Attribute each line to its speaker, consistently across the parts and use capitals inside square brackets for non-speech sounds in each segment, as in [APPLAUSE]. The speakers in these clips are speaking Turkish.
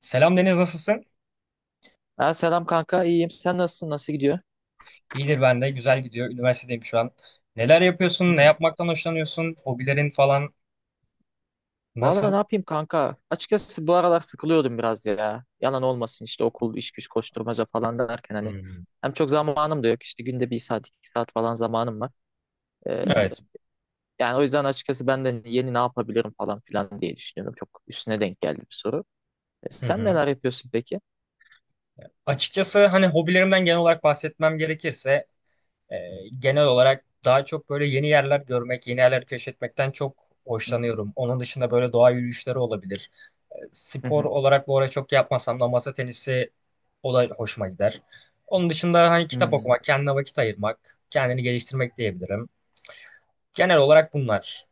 Speaker 1: Selam Deniz nasılsın?
Speaker 2: Ha, selam kanka, iyiyim, sen nasılsın, nasıl gidiyor?
Speaker 1: İyidir ben de güzel gidiyor. Üniversitedeyim şu an. Neler yapıyorsun? Ne
Speaker 2: Hmm.
Speaker 1: yapmaktan hoşlanıyorsun? Hobilerin falan
Speaker 2: Valla
Speaker 1: nasıl?
Speaker 2: ne yapayım kanka, açıkçası bu aralar sıkılıyordum biraz ya, yalan olmasın işte okul iş güç koşturmaca falan derken hani
Speaker 1: Hmm.
Speaker 2: hem çok zamanım da yok, işte günde 1 saat 2 saat falan zamanım var. Ee,
Speaker 1: Evet.
Speaker 2: Yani o yüzden açıkçası ben de yeni ne yapabilirim falan filan diye düşünüyorum, çok üstüne denk geldi bir soru. E,
Speaker 1: Hı
Speaker 2: sen
Speaker 1: hı.
Speaker 2: neler yapıyorsun peki?
Speaker 1: Açıkçası hani hobilerimden genel olarak bahsetmem gerekirse e, genel olarak daha çok böyle yeni yerler görmek, yeni yerler keşfetmekten çok
Speaker 2: Hı hı.
Speaker 1: hoşlanıyorum. Onun dışında böyle doğa yürüyüşleri olabilir.
Speaker 2: Hı
Speaker 1: Spor
Speaker 2: hı.
Speaker 1: olarak bu ara çok yapmasam da masa tenisi o da hoşuma gider. Onun dışında hani kitap
Speaker 2: Hmm.
Speaker 1: okumak, kendine vakit ayırmak, kendini geliştirmek diyebilirim. Genel olarak bunlar.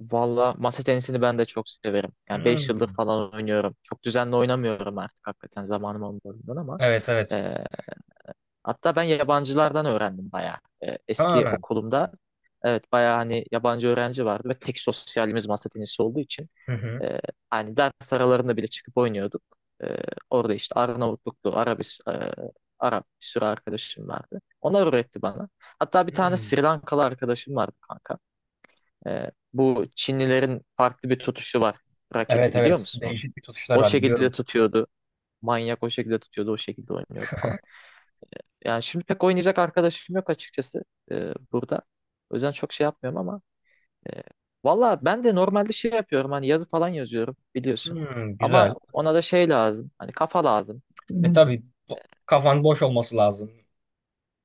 Speaker 2: Valla, masa tenisini ben de çok severim. Yani 5 yıldır
Speaker 1: Hmm.
Speaker 2: falan oynuyorum. Çok düzenli oynamıyorum artık, hakikaten zamanım olmadığından ama.
Speaker 1: Evet evet.
Speaker 2: ee, Hatta ben yabancılardan öğrendim bayağı. Eski
Speaker 1: Ha.
Speaker 2: okulumda evet bayağı, hani yabancı öğrenci vardı ve tek sosyalimiz masa tenisi olduğu için
Speaker 1: Hı hı.
Speaker 2: e, hani ders aralarında bile çıkıp oynuyorduk. E, Orada işte Arnavutluklu, Arap, bir sürü arkadaşım vardı. Onlar öğretti bana. Hatta bir tane
Speaker 1: Hmm.
Speaker 2: Sri Lankalı arkadaşım vardı kanka. Bu Çinlilerin farklı bir tutuşu var. Raketi,
Speaker 1: Evet
Speaker 2: biliyor
Speaker 1: evet.
Speaker 2: musun onu?
Speaker 1: Değişik bir tutuşlar
Speaker 2: O
Speaker 1: var
Speaker 2: şekilde
Speaker 1: biliyorum.
Speaker 2: tutuyordu. Manyak, o şekilde tutuyordu, o şekilde oynuyordu falan. Yani şimdi pek oynayacak arkadaşım yok açıkçası burada. O yüzden çok şey yapmıyorum ama e, valla ben de normalde şey yapıyorum, hani yazı falan yazıyorum biliyorsun.
Speaker 1: Hmm,
Speaker 2: Ama
Speaker 1: güzel.
Speaker 2: ona da şey lazım, hani kafa lazım.
Speaker 1: Hmm. Tabii, bo- kafan boş olması lazım.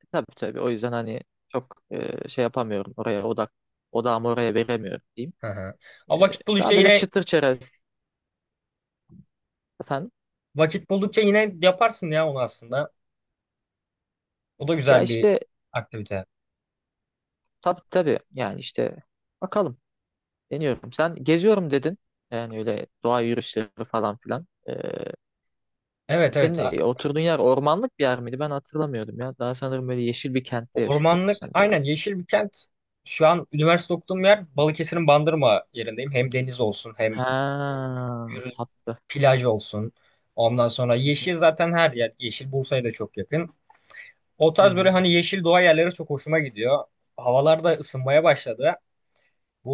Speaker 2: Tabii tabii, o yüzden hani çok şey yapamıyorum, oraya odağımı oraya veremiyorum diyeyim.
Speaker 1: Hı hı.
Speaker 2: E,
Speaker 1: Ama
Speaker 2: Daha böyle çıtır çerez efendim.
Speaker 1: vakit buldukça yine yaparsın ya onu aslında. O da
Speaker 2: Ya
Speaker 1: güzel bir
Speaker 2: işte
Speaker 1: aktivite.
Speaker 2: tabii tabii, yani işte bakalım, deniyorum. Sen geziyorum dedin, yani öyle doğa yürüyüşleri falan filan.
Speaker 1: Evet
Speaker 2: Senin
Speaker 1: evet.
Speaker 2: de oturduğun yer ormanlık bir yer miydi? Ben hatırlamıyordum ya. Daha sanırım böyle yeşil bir kentte yaşıyordun
Speaker 1: Ormanlık
Speaker 2: sen diye.
Speaker 1: aynen yeşil bir kent. Şu an üniversite okuduğum yer Balıkesir'in Bandırma yerindeyim. Hem deniz olsun hem
Speaker 2: Ha,
Speaker 1: yürü-
Speaker 2: tatlı.
Speaker 1: plaj olsun. Ondan sonra yeşil zaten her yer. Yeşil Bursa'ya da çok yakın. O
Speaker 2: Hı
Speaker 1: tarz böyle
Speaker 2: hı,
Speaker 1: hani yeşil doğa yerleri çok hoşuma gidiyor. Havalar da ısınmaya başladı.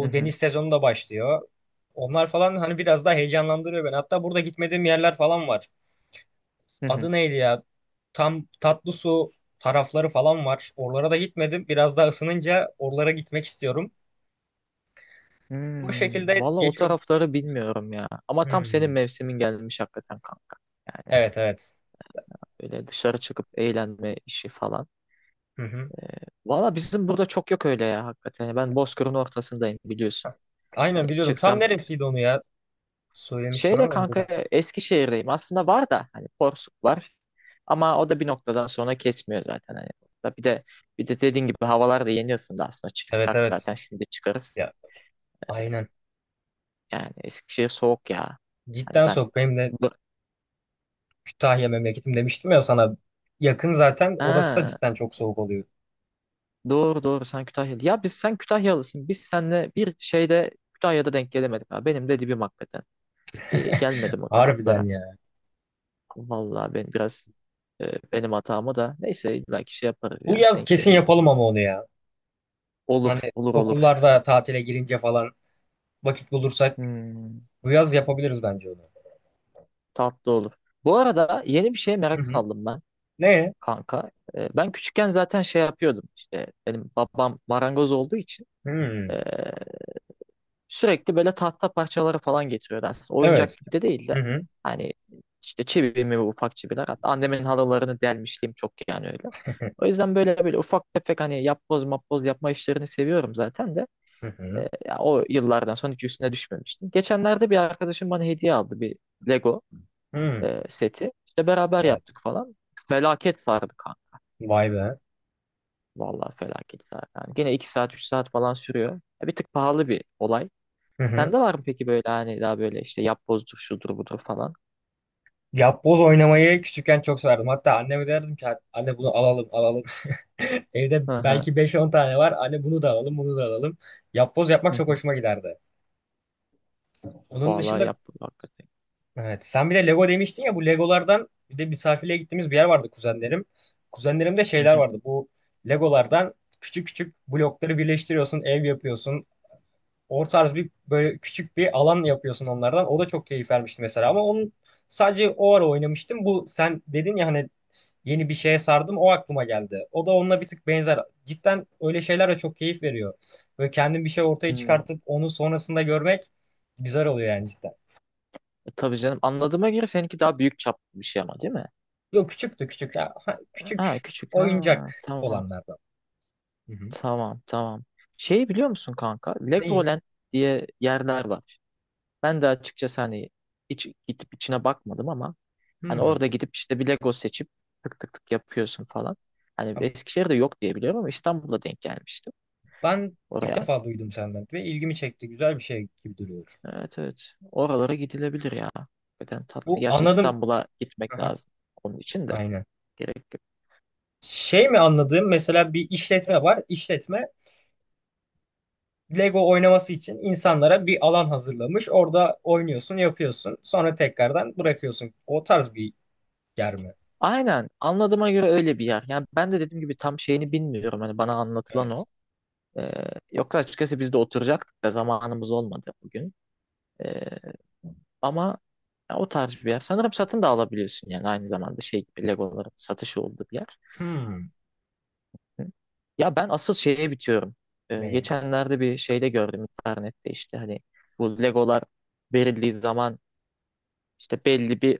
Speaker 2: hı
Speaker 1: deniz
Speaker 2: hı,
Speaker 1: sezonu da başlıyor. Onlar falan hani biraz daha heyecanlandırıyor beni. Hatta burada gitmediğim yerler falan var.
Speaker 2: hı hı.
Speaker 1: Adı neydi ya? Tam tatlı su tarafları falan var. Oralara da gitmedim. Biraz daha ısınınca oralara gitmek istiyorum. Bu
Speaker 2: Hmm,
Speaker 1: şekilde
Speaker 2: valla o
Speaker 1: geçiyor.
Speaker 2: tarafları bilmiyorum ya. Ama tam senin
Speaker 1: Hmm.
Speaker 2: mevsimin gelmiş hakikaten kanka. Yani
Speaker 1: Evet evet.
Speaker 2: böyle dışarı çıkıp eğlenme işi falan.
Speaker 1: Hı hı.
Speaker 2: Ee, Valla bizim burada çok yok öyle ya hakikaten. Yani ben Bozkır'ın ortasındayım biliyorsun. Hani
Speaker 1: Aynen biliyordum. Tam
Speaker 2: çıksam.
Speaker 1: neresiydi onu ya? Söylemiştin
Speaker 2: Şeyde
Speaker 1: ama önceden.
Speaker 2: kanka, Eskişehir'deyim. Aslında var da hani Porsuk var. Ama o da bir noktadan sonra kesmiyor zaten. Hani da bir de dediğin gibi havalar da yeni ısındı aslında.
Speaker 1: Evet
Speaker 2: Çıksak
Speaker 1: evet.
Speaker 2: zaten şimdi çıkarız.
Speaker 1: Ya aynen.
Speaker 2: Yani Eskişehir soğuk ya. Hani
Speaker 1: Cidden
Speaker 2: ben
Speaker 1: soğuk. Benim de
Speaker 2: bu-
Speaker 1: Kütahya memleketim demiştim ya sana. Yakın zaten. Orası da
Speaker 2: ha,
Speaker 1: cidden çok soğuk oluyor.
Speaker 2: doğru doğru, sen Kütahyalı. Ya biz, sen Kütahyalısın. Biz seninle bir şeyde Kütahya'da denk gelemedik. Ha. Benim de dibim hakikaten. Bir gelmedim o taraflara.
Speaker 1: Harbiden ya.
Speaker 2: Vallahi ben biraz benim hatamı da, neyse illaki şey yaparız
Speaker 1: Bu
Speaker 2: ya.
Speaker 1: yaz
Speaker 2: Denk
Speaker 1: kesin
Speaker 2: geliriz.
Speaker 1: yapalım ama onu ya.
Speaker 2: Olur,
Speaker 1: Hani
Speaker 2: olur, olur.
Speaker 1: okullarda tatile girince falan vakit bulursak
Speaker 2: Hmm.
Speaker 1: bu yaz yapabiliriz bence onu.
Speaker 2: Tatlı olur. Bu arada yeni bir şeye
Speaker 1: Hı
Speaker 2: merak
Speaker 1: hı.
Speaker 2: saldım ben
Speaker 1: Ne?
Speaker 2: kanka. Ben küçükken zaten şey yapıyordum. İşte benim babam marangoz olduğu için ee,
Speaker 1: Hmm.
Speaker 2: sürekli böyle tahta parçaları falan getiriyordu aslında. Oyuncak
Speaker 1: Evet.
Speaker 2: gibi de değil de.
Speaker 1: Hı hı.
Speaker 2: Hani işte çivi mi, ufak çiviler. Hatta annemin halılarını delmişliğim çok yani öyle. O yüzden böyle böyle ufak tefek, hani yapboz mapboz yapma işlerini seviyorum zaten de.
Speaker 1: Hı hı.
Speaker 2: Ya o yıllardan sonra hiç üstüne düşmemiştim. Geçenlerde bir arkadaşım bana hediye aldı bir Lego
Speaker 1: Hmm.
Speaker 2: seti. İşte beraber
Speaker 1: Evet.
Speaker 2: yaptık falan. Felaket sardı kanka.
Speaker 1: Vay be.
Speaker 2: Vallahi felaket sardı. Yani gene 2 saat 3 saat falan sürüyor. Ya, bir tık pahalı bir olay.
Speaker 1: Hı hı.
Speaker 2: Sende var mı peki, böyle hani daha böyle işte yapbozdur şudur budur falan?
Speaker 1: Yapboz oynamayı küçükken çok severdim. Hatta anneme derdim ki anne bunu alalım alalım. [LAUGHS] Evde
Speaker 2: Hı hı.
Speaker 1: belki beş on tane var. Anne bunu da alalım bunu da alalım. Yapboz
Speaker 2: Hı
Speaker 1: yapmak çok
Speaker 2: hı.
Speaker 1: hoşuma giderdi. Onun
Speaker 2: Vallahi
Speaker 1: dışında
Speaker 2: yapboz hakikaten.
Speaker 1: evet sen bir de Lego demiştin ya bu Legolardan bir de misafirliğe gittiğimiz bir yer vardı kuzenlerim. Kuzenlerimde
Speaker 2: Hı
Speaker 1: şeyler
Speaker 2: hı.
Speaker 1: vardı. Bu Legolardan küçük küçük blokları birleştiriyorsun, ev yapıyorsun. O tarz bir böyle küçük bir alan yapıyorsun onlardan. O da çok keyif vermişti mesela ama onun sadece o ara oynamıştım. Bu sen dedin ya hani yeni bir şeye sardım o aklıma geldi. O da onunla bir tık benzer. Cidden öyle şeyler de çok keyif veriyor. Böyle kendin bir şey ortaya
Speaker 2: Hmm.
Speaker 1: çıkartıp onu sonrasında görmek güzel oluyor yani cidden.
Speaker 2: Tabii canım, anladığıma göre seninki daha büyük çaplı bir şey ama, değil mi?
Speaker 1: Yok küçüktü küçük ya. Ha,
Speaker 2: Ha
Speaker 1: küçük
Speaker 2: küçük, ha,
Speaker 1: oyuncak
Speaker 2: tamam,
Speaker 1: olanlardan. Hı hı.
Speaker 2: tamam, tamam. Şeyi biliyor musun kanka?
Speaker 1: Neyi?
Speaker 2: Legoland diye yerler var. Ben de açıkçası hani hiç gidip içine bakmadım ama
Speaker 1: Hı
Speaker 2: hani
Speaker 1: hı.
Speaker 2: orada gidip işte bir Lego seçip tık tık tık yapıyorsun falan. Hani
Speaker 1: Ha,
Speaker 2: Eskişehir'de yok diye biliyorum ama İstanbul'da denk gelmiştim
Speaker 1: ben ilk
Speaker 2: oraya.
Speaker 1: defa duydum senden ve ilgimi çekti. Güzel bir şey gibi duruyor.
Speaker 2: Evet, evet. Oralara gidilebilir ya. Neden, tatlı.
Speaker 1: Bu
Speaker 2: Gerçi
Speaker 1: anladım.
Speaker 2: İstanbul'a gitmek
Speaker 1: Aha.
Speaker 2: lazım. Onun için de
Speaker 1: Aynen.
Speaker 2: gerek yok.
Speaker 1: Şey mi anladığım mesela bir işletme var. İşletme Lego oynaması için insanlara bir alan hazırlamış. Orada oynuyorsun, yapıyorsun. Sonra tekrardan bırakıyorsun. O tarz bir yer mi?
Speaker 2: Aynen. Anladığıma göre öyle bir yer. Yani ben de dediğim gibi tam şeyini bilmiyorum. Hani bana anlatılan
Speaker 1: Evet.
Speaker 2: o. Ee, Yoksa açıkçası biz de oturacaktık da zamanımız olmadı bugün. Ee, Ama ya, o tarz bir yer. Sanırım satın da alabiliyorsun, yani aynı zamanda şey gibi Legoların satışı olduğu bir yer.
Speaker 1: Hmm.
Speaker 2: Ya ben asıl şeye bitiyorum.
Speaker 1: Ne?
Speaker 2: Geçenlerde bir şeyde gördüm internette, işte hani bu Legolar verildiği zaman işte belli bir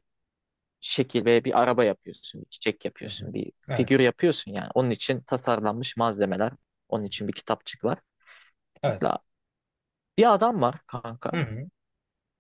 Speaker 2: şekil ve bir araba yapıyorsun, bir çiçek
Speaker 1: Hı hı.
Speaker 2: yapıyorsun, bir
Speaker 1: Evet.
Speaker 2: figür yapıyorsun yani. Onun için tasarlanmış malzemeler, onun için bir kitapçık var.
Speaker 1: Evet.
Speaker 2: Mesela bir adam var kanka.
Speaker 1: Hı hı.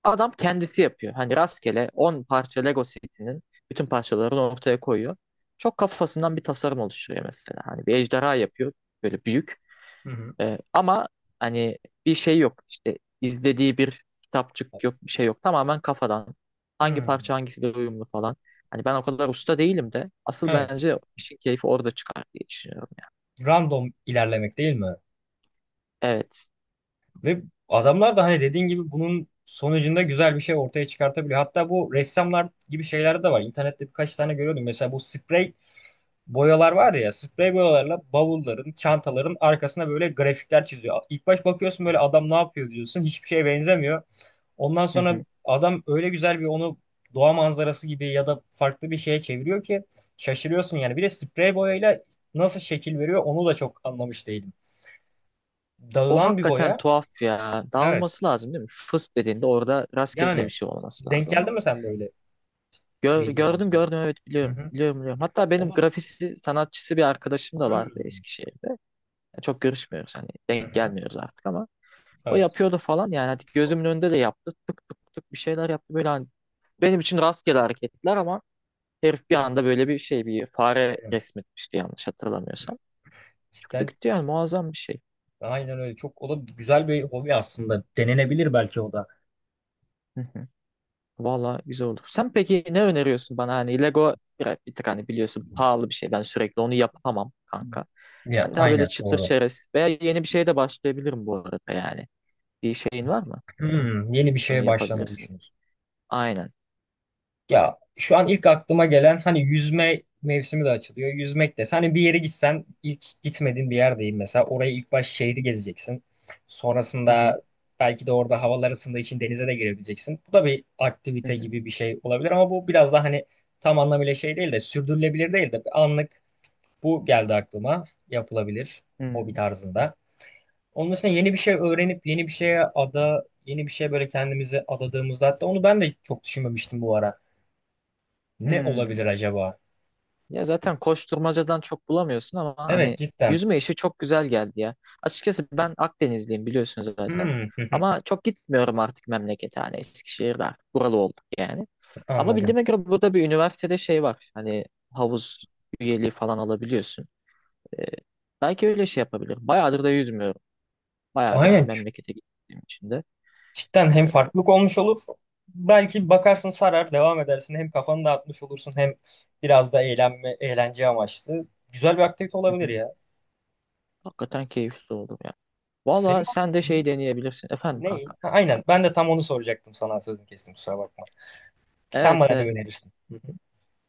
Speaker 2: Adam kendisi yapıyor. Hani rastgele 10 parça Lego setinin bütün parçalarını ortaya koyuyor. Çok kafasından bir tasarım oluşturuyor mesela. Hani bir ejderha yapıyor, böyle büyük.
Speaker 1: Hı hı.
Speaker 2: Ama hani bir şey yok, işte izlediği bir kitapçık yok, bir şey yok, tamamen kafadan hangi
Speaker 1: Hmm.
Speaker 2: parça hangisiyle uyumlu falan. Hani ben o kadar usta değilim de, asıl
Speaker 1: Evet.
Speaker 2: bence işin keyfi orada çıkar diye düşünüyorum yani.
Speaker 1: Random ilerlemek değil mi?
Speaker 2: Evet.
Speaker 1: Ve adamlar da hani dediğin gibi bunun sonucunda güzel bir şey ortaya çıkartabiliyor. Hatta bu ressamlar gibi şeyler de var. İnternette birkaç tane görüyordum. Mesela bu sprey boyalar var ya sprey boyalarla bavulların, çantaların arkasına böyle grafikler çiziyor. İlk baş bakıyorsun böyle adam ne yapıyor diyorsun. Hiçbir şeye benzemiyor. Ondan
Speaker 2: Hı
Speaker 1: sonra
Speaker 2: hı.
Speaker 1: adam öyle güzel bir onu doğa manzarası gibi ya da farklı bir şeye çeviriyor ki şaşırıyorsun yani. Bir de sprey boyayla nasıl şekil veriyor onu da çok anlamış değilim.
Speaker 2: O
Speaker 1: Dağılan bir
Speaker 2: hakikaten
Speaker 1: boya.
Speaker 2: tuhaf ya.
Speaker 1: Evet.
Speaker 2: Dağılması lazım değil mi? Fıs dediğinde orada rastgele
Speaker 1: Yani
Speaker 2: bir şey olması
Speaker 1: denk
Speaker 2: lazım
Speaker 1: geldi
Speaker 2: ama
Speaker 1: mi sen de öyle video
Speaker 2: gördüm,
Speaker 1: olsun?
Speaker 2: gördüm, evet,
Speaker 1: Hı
Speaker 2: biliyorum,
Speaker 1: hı.
Speaker 2: biliyorum, biliyorum. Hatta
Speaker 1: O
Speaker 2: benim
Speaker 1: da-
Speaker 2: grafisi sanatçısı bir arkadaşım da vardı
Speaker 1: Hmm.
Speaker 2: Eskişehir'de. Çok görüşmüyoruz, hani
Speaker 1: Hı
Speaker 2: denk
Speaker 1: hı. Hı.
Speaker 2: gelmiyoruz artık ama o
Speaker 1: Evet.
Speaker 2: yapıyordu falan yani, hani gözümün önünde de yaptı. Tık tık tık bir şeyler yaptı böyle, hani benim için rastgele hareketler ama herif bir anda böyle bir şey, bir fare
Speaker 1: Evet.
Speaker 2: resmetmişti yanlış hatırlamıyorsam. Çıktı
Speaker 1: Cidden
Speaker 2: gitti yani, muazzam bir şey.
Speaker 1: aynen öyle. Çok o da güzel bir hobi aslında. Denenebilir belki o da.
Speaker 2: Hı hı. Vallahi güzel oldu. Sen peki ne öneriyorsun bana, hani Lego bir tık, hani biliyorsun pahalı bir şey, ben sürekli onu yapamam kanka.
Speaker 1: Ya,
Speaker 2: Ben daha böyle
Speaker 1: aynen
Speaker 2: çıtır
Speaker 1: doğru.
Speaker 2: çerez veya yeni bir şeye de başlayabilirim bu arada yani. Bir şeyin var mı?
Speaker 1: Hmm, yeni bir
Speaker 2: Şunu
Speaker 1: şeye başlamayı
Speaker 2: yapabilirsin.
Speaker 1: düşünüyorsun.
Speaker 2: Aynen.
Speaker 1: Ya şu an ilk aklıma gelen hani yüzme mevsimi de açılıyor. Yüzmek de. Hani bir yere gitsen ilk gitmediğin bir yerdeyim mesela. Orayı ilk baş şehri gezeceksin.
Speaker 2: Hı hı.
Speaker 1: Sonrasında belki de orada havalar ısındığı için denize de girebileceksin. Bu da bir
Speaker 2: Hı
Speaker 1: aktivite
Speaker 2: hı.
Speaker 1: gibi bir şey olabilir ama bu biraz daha hani tam anlamıyla şey değil de sürdürülebilir değil de bir anlık bu geldi aklıma. Yapılabilir. Hobi
Speaker 2: Hı.
Speaker 1: tarzında. Onun dışında yeni bir şey öğrenip yeni bir şeye ada, yeni bir şeye böyle kendimizi adadığımızda hatta onu ben de çok düşünmemiştim bu ara. Ne
Speaker 2: Hı.
Speaker 1: olabilir acaba?
Speaker 2: Ya zaten koşturmacadan çok bulamıyorsun ama
Speaker 1: Evet
Speaker 2: hani
Speaker 1: cidden.
Speaker 2: yüzme işi çok güzel geldi ya. Açıkçası ben Akdenizliyim biliyorsun zaten.
Speaker 1: Hmm,
Speaker 2: Ama çok gitmiyorum artık memlekete, hani Eskişehir'de artık buralı olduk yani.
Speaker 1: [LAUGHS]
Speaker 2: Ama
Speaker 1: anladım.
Speaker 2: bildiğime göre burada bir üniversitede şey var. Hani havuz üyeliği falan alabiliyorsun. Ee, Belki öyle şey yapabilir. Bayağıdır da yüzmüyorum. Bayağıdır hani
Speaker 1: Aynen.
Speaker 2: memlekete gittiğim için de.
Speaker 1: Cidden hem
Speaker 2: Ee,
Speaker 1: farklılık olmuş olur. Belki bakarsın sarar, devam edersin. Hem kafanı dağıtmış olursun hem biraz da eğlenme, eğlence amaçlı. Güzel bir aktivite
Speaker 2: hı
Speaker 1: olabilir
Speaker 2: hı.
Speaker 1: ya.
Speaker 2: Hakikaten keyifli oldu ya. Valla
Speaker 1: Senin
Speaker 2: sen de
Speaker 1: Hı
Speaker 2: şey deneyebilirsin. Efendim
Speaker 1: ne?
Speaker 2: kanka.
Speaker 1: Ha, aynen.
Speaker 2: Pardon.
Speaker 1: Ben de tam onu soracaktım sana sözünü kestim kusura bakma. Sen
Speaker 2: Evet,
Speaker 1: bana ne
Speaker 2: evet.
Speaker 1: önerirsin? Hı hı.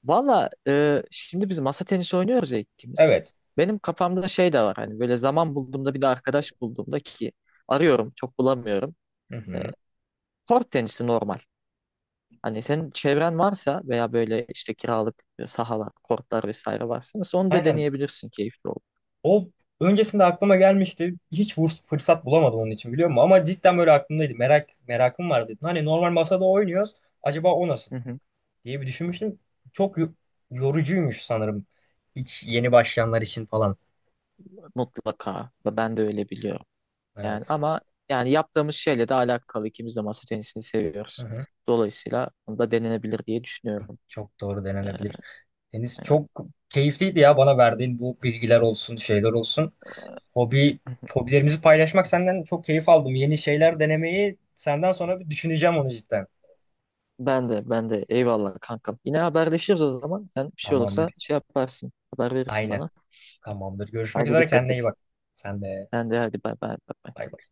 Speaker 2: Valla, şimdi biz masa tenisi oynuyoruz ya ikimiz.
Speaker 1: Evet.
Speaker 2: Benim kafamda şey de var, hani böyle zaman bulduğumda, bir de arkadaş bulduğumda ki arıyorum çok bulamıyorum.
Speaker 1: Hı
Speaker 2: E,
Speaker 1: hı.
Speaker 2: Kort tenisi normal. Hani senin çevren varsa veya böyle işte kiralık sahalar, kortlar vesaire varsa mesela, onu da
Speaker 1: Aynen.
Speaker 2: deneyebilirsin, keyifli olur.
Speaker 1: O öncesinde aklıma gelmişti. Hiç fırsat bulamadım onun için biliyor musun? Ama cidden böyle aklımdaydı. Merakım vardı. Hani normal masada oynuyoruz. Acaba o nasıl
Speaker 2: Hı hı.
Speaker 1: diye bir düşünmüştüm. Çok yorucuymuş sanırım. Hiç yeni başlayanlar için falan.
Speaker 2: Mutlaka. Ve ben de öyle biliyorum. Yani
Speaker 1: Evet.
Speaker 2: ama yani yaptığımız şeyle de alakalı ikimiz de masa tenisini
Speaker 1: Hı
Speaker 2: seviyoruz.
Speaker 1: hı.
Speaker 2: Dolayısıyla bunu da denenebilir diye düşünüyorum.
Speaker 1: Çok doğru
Speaker 2: E,
Speaker 1: denenebilir. Deniz çok keyifliydi ya bana verdiğin bu bilgiler olsun, şeyler olsun. Hobi,
Speaker 2: Yani,
Speaker 1: hobilerimizi paylaşmak senden çok keyif aldım. Yeni şeyler denemeyi senden sonra bir düşüneceğim onu cidden.
Speaker 2: ben de eyvallah kankam. Yine haberleşiriz o zaman. Sen bir şey olursa
Speaker 1: Tamamdır.
Speaker 2: şey yaparsın. Haber verirsin
Speaker 1: Aynen.
Speaker 2: bana.
Speaker 1: Tamamdır. Görüşmek
Speaker 2: Hadi
Speaker 1: üzere.
Speaker 2: dikkat
Speaker 1: Kendine
Speaker 2: et.
Speaker 1: iyi bak. Sen de.
Speaker 2: Sen de hadi, bay bay. Bay bay.
Speaker 1: Bay bay.